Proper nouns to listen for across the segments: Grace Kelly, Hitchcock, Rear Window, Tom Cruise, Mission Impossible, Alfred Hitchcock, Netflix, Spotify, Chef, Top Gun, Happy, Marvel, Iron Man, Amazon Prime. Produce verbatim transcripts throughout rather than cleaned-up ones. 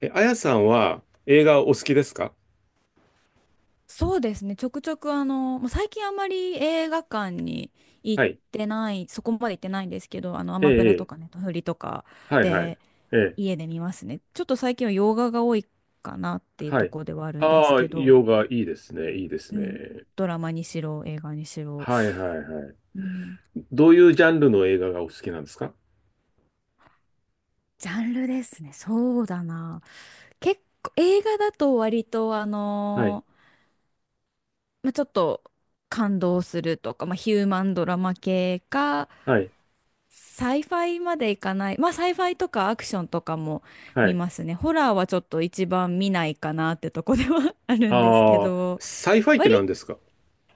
え、あやさんは映画お好きですか？そうですね。ちょくちょくあの、もう最近あんまり映画館に行っはい。てない、そこまで行ってないんですけど、あの、アえマプラとえ、ええ。かネットフリとかはい、はい。でええ、家で見ますね。ちょっと最近は洋画が多いかなっていうはとい。ころではあるんですああ、けど、洋画いいですね、いいですうん、ね。ドラマにしろ、映画にしろ、はい、はい、はい。うん、どういうジャンルの映画がお好きなんですか？ジャンルですね。そうだな。結構、映画だと割とあはい、のーまあ、ちょっと感動するとか、まあ、ヒューマンドラマ系か、はい、サイファイまでいかない。まあ、サイファイとかアクションとかもは見い。ますね。ホラーはちょっと一番見ないかなってとこでは あるんですけああ、ど、サイファイって割、何ですか？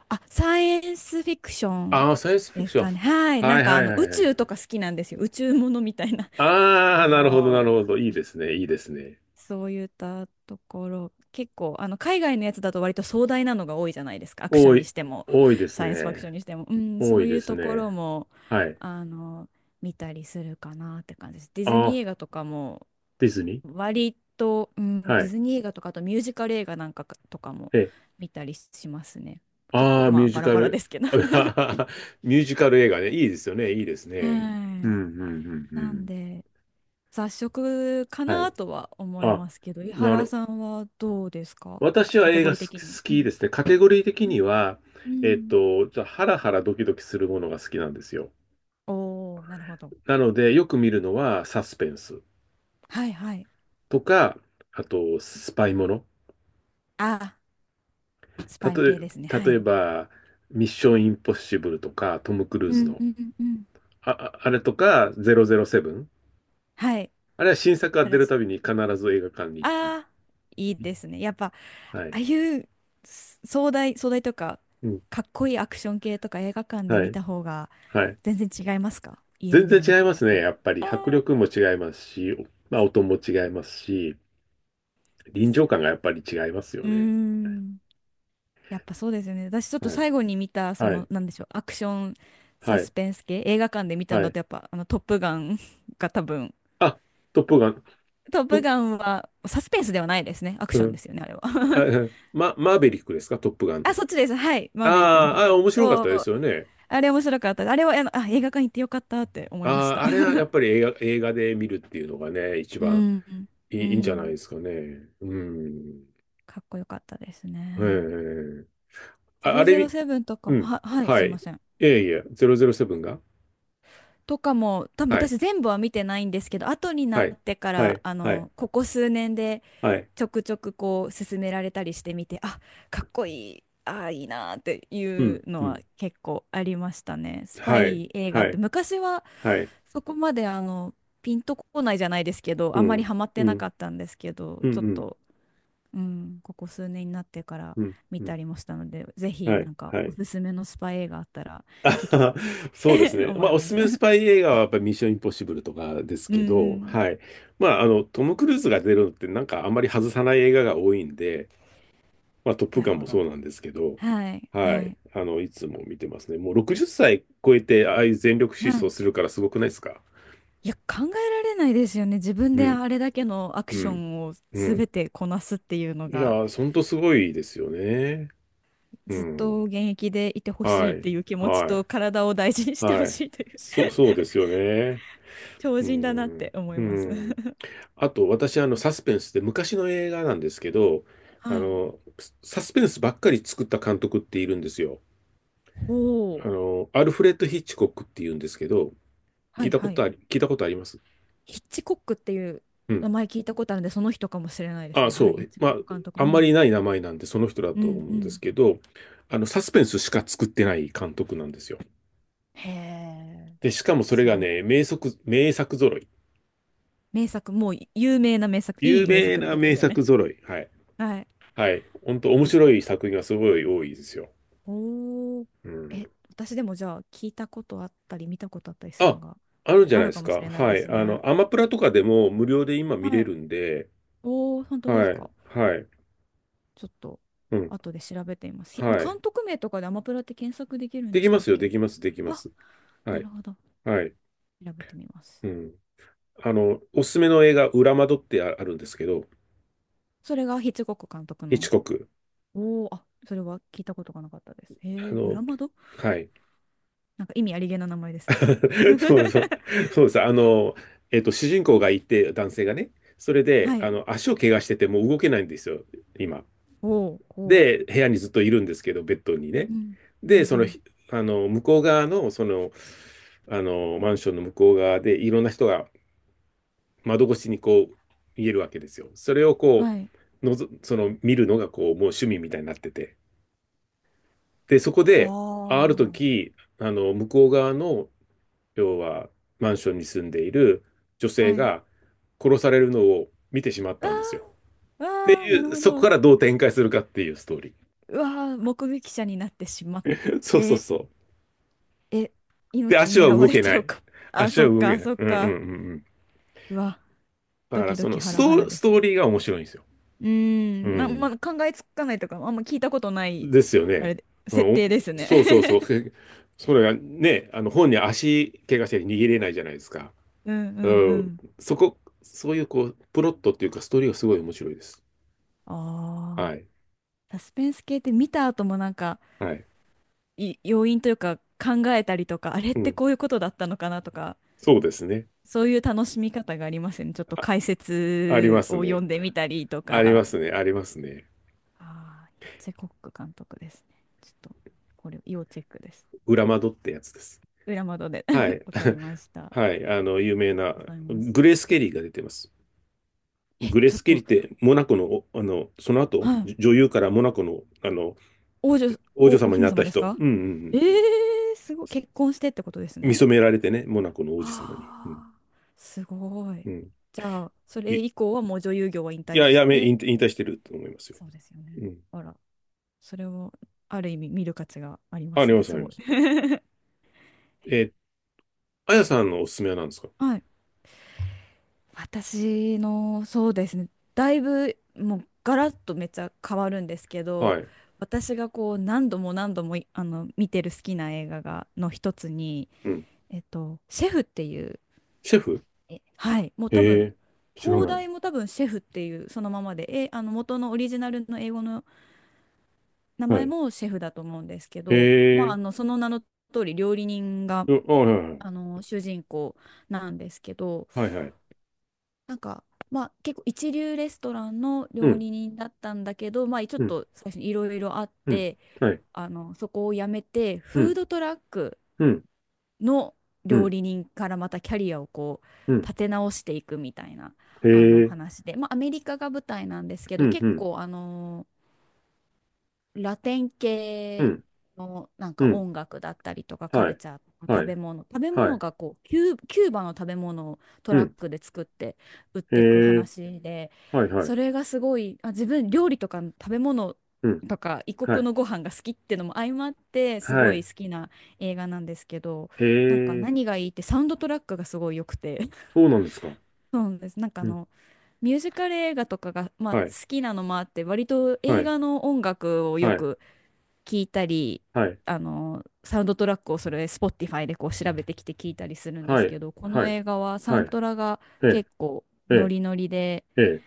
あ、サイエンスフィクションああ、サイエンスフィでクすション。かね。はい。なはんいかはあいの、は宇いはい。宙とか好きなんですよ。宇宙ものみたいな。あああ、なるほどなのるほど。いいですね、いいですね。そういったところ、結構、あの、海外のやつだと割と壮大なのが多いじゃないですか。アクショ多ンにい、しても、多いですサイエンスファクね。ションにしても。うん、そ多ういいでうすとこね。ろも、はい。あの、見たりするかなって感じです。ディあズニーあ、映画とかも、ディズニ割と、うん、ー。はディい。ズニー映画とか、あとミュージカル映画なんかかとかもえ。見たりしますね。結あ構、あ、ミまューあ、ジバラカバラル、ですけど。あ。 ミュージカル映画ね。いいですよね。いいですはい。ね。うん、う ん、うん、うなんん。で、雑食かはない。とは思いあ、ますけど、井な原る。さんはどうですか？私はカテ映ゴ画リーす好的には。うきん。ですね。カテゴリー的には、うえっん。と、じゃあハラハラドキドキするものが好きなんですよ。おおー、なるほど。なので、よく見るのはサスペンスはいはい。とか、あと、スパイもの。あ、スたパイとえ、系ですね。は例えい。ば、ミッションインポッシブルとか、トム・クルーうズんの、うんうんうん。あ、ああれとか、ゼロゼロセブン。はい。あれは新作がプ出ラるス。たびに必ず映画館に行って。ああ、いいですね。やっぱ、あはあい。いうす壮大、壮大とか、うん。かっこいいアクション系とか映画館では見い。た方がはい。全然違いますか？家で全見るの然違いとはまやっすね。ぱり。やっぱりああ、迫力も違いますし、まあ、そ音も違いますし、うで臨す場よ。感がやっぱり違いますようーね。ん。やっぱそうですよね。私ちょっとはい。最後に見た、そはの、い。なんでしょう、アクションサはスい。ペンス系、映画館で見たんはだい。と、やっぱ、あの、トップガン が多分、あ、トップガン。トップぶ。ガンはサスペンスではないですね。アクシうョンでん。すよね、あれは。あ うんマ、マーベリックですかトップガンあ、の？そっちです。はい。マーヴェリックのあ方ーあー、です。面白かっおたですお、よね。あれ面白かった。あれは、あの、あ、映画館行ってよかったって思いましああ、た。あれはや っぱり映画、映画で見るっていうのがね、一う番ん、いうい、いいんじゃないん。ですかね。うん。かっこよかったですえね。え。あ、あれみ、ゼロゼロセブンとかうも、ん。は、はい、はすいまい。せん。いやいや、ゼロゼロセブンが。とかも、多分はい。私全部は見てないんですけど、後になはい。ってかはら、い。あはい。の、ここ数年ではい。ちょくちょくこう勧められたりしてみて、あ、かっこいい、あいいなーっていううん。のうはん。結構ありましたね。スパはい。イ映画はってい。昔ははい。そこまであのピンとこないじゃないですけど、うあんまりん。ハマってうなかん。ったんですけど、うちょっん。と、うん、ここ数年になってからうん。見うたん。りもしたので、ぜひはない。んかはおい。すすめのスパイ映画あったら あ聞はきは。たそうですい ね。思まいあ、おますすす。めのスパイ映画はやっぱりミッションインポッシブルとかですうんけうど、ん。はい。まあ、あの、トム・クルーズが出るのってなんかあんまり外さない映画が多いんで、まあ、トップなガるンほもそど。うなんですけど、はい、ははい。い。あの、いつも見てますね。もうろくじゅっさい超えて、ああいう全力疾は走い、するからすごくないですか？いや、考えられないですよね。自分うでん、あれだけのアクうショん、ンをう全ん。てこなすっていうのいやが、ー、ほんとすごいですよね。うずっん。と現役でいてほはしいっい、ていう気持ちはと、い、体を大事にしてほはい。しいという そう、そうですよね。超う人だなってん、思いうます。ん。あと、私、あの、サスペンスって昔の映画なんですけど、あはい。の、サスペンスばっかり作った監督っているんですよ。ほあう。の、アルフレッド・ヒッチコックっていうんですけど、は聞いいたこはとい。あり、聞いたことあります。ヒッチコックっていうう名ん。前聞いたことあるんで、その人かもしれないですあ、ね。そはい、ヒッう。チまコあ、ック監督。あうんまりん。ない名前なんで、その人だうとん思ううんですん。けど、あの、サスペンスしか作ってない監督なんですよ。へえ、で、しかもそれすがごい。ね、名作、名作揃い。名作、もう有名な名作、い有い名名作ってなことで名すよね。作揃い。はい。はい。はい。本当面白い作品がすごい多いですよ。おー。うえ、ん。私でもじゃあ聞いたことあったり見たことあったりするのあ、があるんじゃあないでるかすもしか。れないはでい。すあね。の、アマプラとかでも無料で今見はれい。るんで、おー、本当ですはい。か？はい。ちょっとうん。後で調べてみます。ひはい。監督名とかでアマプラって検索できるんでできしまたっすよ。でけ？きます。できまあ、す。はない。るほど。はい。調べてみます。うん。あの、おすすめの映画、裏窓ってああるんですけど、それがヒッチコック監督ヒッチの。コック。おー、あ、それは聞いたことがなかったです。へあえ、の、裏窓。はい。なんか意味ありげな名前ですね。そうそう、そうです。あの、えっと、主人公がいて、男性がね、それで、はあい。の、足を怪我してて、もう動けないんですよ、今。おー、こで、部屋にずっといるんですけど、ベッドにね。う。うん、うん、うで、その、ん。ひあの、向こう側の、その、あの、マンションの向こう側で、いろんな人が窓越しにこう、見えるわけですよ。それをこはい。う、のぞ、その、見るのが、こう、もう趣味みたいになってて。で、そこで、ああるは時、あの、向こう側の、要は、マンションに住んでいる女あ。性はい。が殺されるのを見てしまっわたんですよ。あ、ってわあ、いなるう、ほそこど。からどう展開するかっていうストーリうわあ、目撃者になってしまっー。そうそうて、そう。え、で、命足は狙わ動れけちなゃうい。か。あ、足そはっ動けか、ない。そっうんうんうんうか。ん。うわ、だドから、キドそキのハスラハラト、でスすトーね。リーが面白いんですよ。ううーん、ま、まん。あ、考えつかないとか、あんま聞いたことない、ですよあね。れで、う設定ん、ですお。ね。そうそうそう。それがね、あの、本に足怪我して逃げれないじゃないですか。うんううんうん。ん。そこ、そういうこう、プロットっていうか、ストーリーがすごい面白いです。ああ、はい。サスペンス系って見た後もなんか、はい。い、要因というか考えたりとか、あれっうてん。こういうことだったのかなとか、そうですね。そういう楽しみ方がありますよね。ちょっとあ、解ありま説すを読ね。んでみたりとありまか。すね。ありますね。ああ、ヒッチコック監督ですね。ちょっと、これ、要チェックです。裏窓ってやつです。裏窓で は い。わかりました。あはい。あの、有名りな、がとうございます。グレース・ケリーが出てます。え、グレーちょス・っケリーと、って、モナコの、お、あの、その後、はい。じ女優からモナコの、あの、王女、王女お、お様に姫なった様です人。か？うんうんうん。えー、すごい。結婚してってことです見ね。初められてね、モナコの王子様に。うん。ああ、すごうい。ん。じゃあ、そい、れい以降はもう女優業は引退や、しやめ、て、引退引退してると思いますよ。そうですよね。うん。あら、それをある意味見る価値がありまあすりまね、す、すありごい。ます。えー、あやさんのおすすめは何ですか？はい。私の、そうですね、だいぶもうガラッとめっちゃ変わるんですけはど、い。私がこう何度も何度もいあの見てる好きな映画がの一つに、うん。えっと、シェフっていう、シェフ。え、はい、もう多へ分、え、知ら放ない。題も多分シェフっていうそのままで、え、あの元のオリジナルの英語の名は前い。もシェフだと思うんですけど、まへあ、あえ。のその名の通り料理人がうあ、はいはい。あの主人公なんですけど、はいはい。なんかまあ結構一流レストランのう料ん、理人だったんだけど、まあちょっうん、と最初にいろいろあっうん。て、はい。あのそこを辞めてうフーん、ドトラックうん、のう料ん、理人からまたキャリアをこううん。立て直していくみたいなへあのえ、話で、まあアメリカが舞台なんですけうど、ん、結うん、構あのラテンう系ん、のなんうかん。音楽だったりとかカはルい。チャーとかは食い。べ物、食べは物い。がこうキュー、キューバの食べ物をトうラッん。クで作って売っへていくえ、話で、はいはそい。れがすごい、あ、自分料理とか食べ物うん。とか異は国い。のご飯が好きってのも相まってすはごいい。好きな映画なんですけど、へなんかえ、何がいいってサウンドトラックがすごい良くて そうなんですか？そうなんです。なんかあうん。のミュージカル映画とかが、まあ、好はい。きなのもあって割とは映い。画の音楽をはよい。く聞いたり、はい。あの、サウンドトラックをそれ、Spotify でこう調べてきて聞いたりするんではすい。けど、こはのい。映画はサはい。ントラがええ、結構えノえ、リノリで、ええ。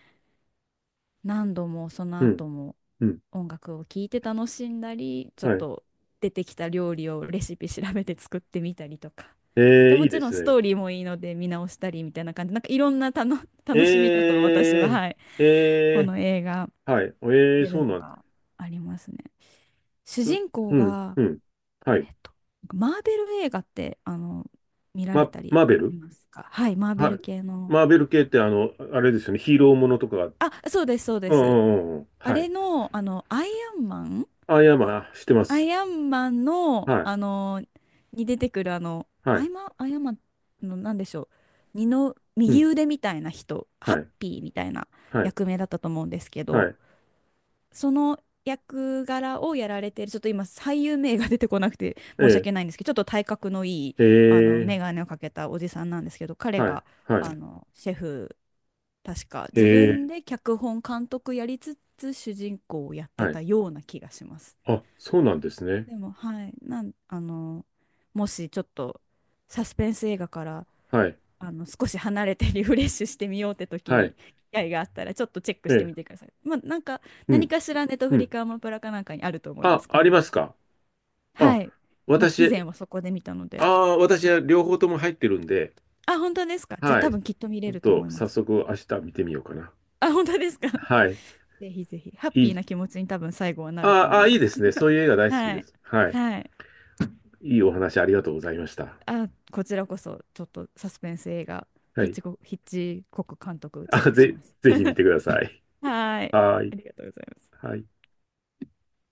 何度もそのうん。後もうん。音楽を聴いて楽しんだり、ちょっはい。と出てきた料理をレシピ調べて作ってみたりとか。えで、え、いもいちでろすんスね。トーリーもいいので見直したりみたいな感じ、なんかいろんなたの楽しみえ方を私は、え、はい、えこえ、の映画、はい。ええ、出そるうのなんでがありますね。主す。人う公ん、が、うん。はい。えっとマーベル映画ってあの見られま、たりマーベル。しますか？はい、マーベはい。ル系の。マーベル系って、あの、あれですよね。ヒーローものとかが。あ、そうです、そうでうんうす。んうんうん。あはい。れの、あの、アイアンマンあ、いや、まあ、してまアす。イアンマンの、はあの、に出てくる、あの、い。はアイい。マン、アイアンマンの、なんでしょう、二のう右ん。腕みたいな人、ハはッい。ピーみたいなはい。役名だったと思うんですけはど、い。その役柄をやられている、ちょっと今、俳優名が出てこなくて申しえ訳ないんですけど、ちょっと体格のいい、え、えあの、眼え、鏡をかけたおじさんなんですけど、彼はい。が、はあい。の、シェフ、確か、え自分え、で脚本、監督やりつつ、主人公をやってはたい。ような気がします。あ、そうなんですね。でも、はい、なん、あの、もしちょっと、サスペンス映画からはい。あの少し離れてリフレッシュしてみようって時はい。に機会があったらちょっとチェックえしてえ、みてください。まあ、なんかう何ん。かしらネットうフリん。かアマプラかなんかにあると思いまあ、す。こありの、ますか？あ、はい。まあ、以私、前はそこで見たのあ。で。あ私は両方とも入ってるんで、あ、本当ですか？じゃあは多い。ち分きっと見ょれっるとと思いま早す。速明日見てみようかな。あ、本当ですか？はい。ぜひぜひ。ハッいピーい、な気持ちに多分最後はなるとあ。思いあいまいです。すね。そういう映画 大好きはでい。す。はい。はい。いいお話ありがとうございました。あ、こちらこそちょっとサスペンス映画、はヒッい。チコック、ヒッチコック監督チェッあ、クしぜ、ます。ぜひ見てください。はい。はい。ありがとうございます。はい。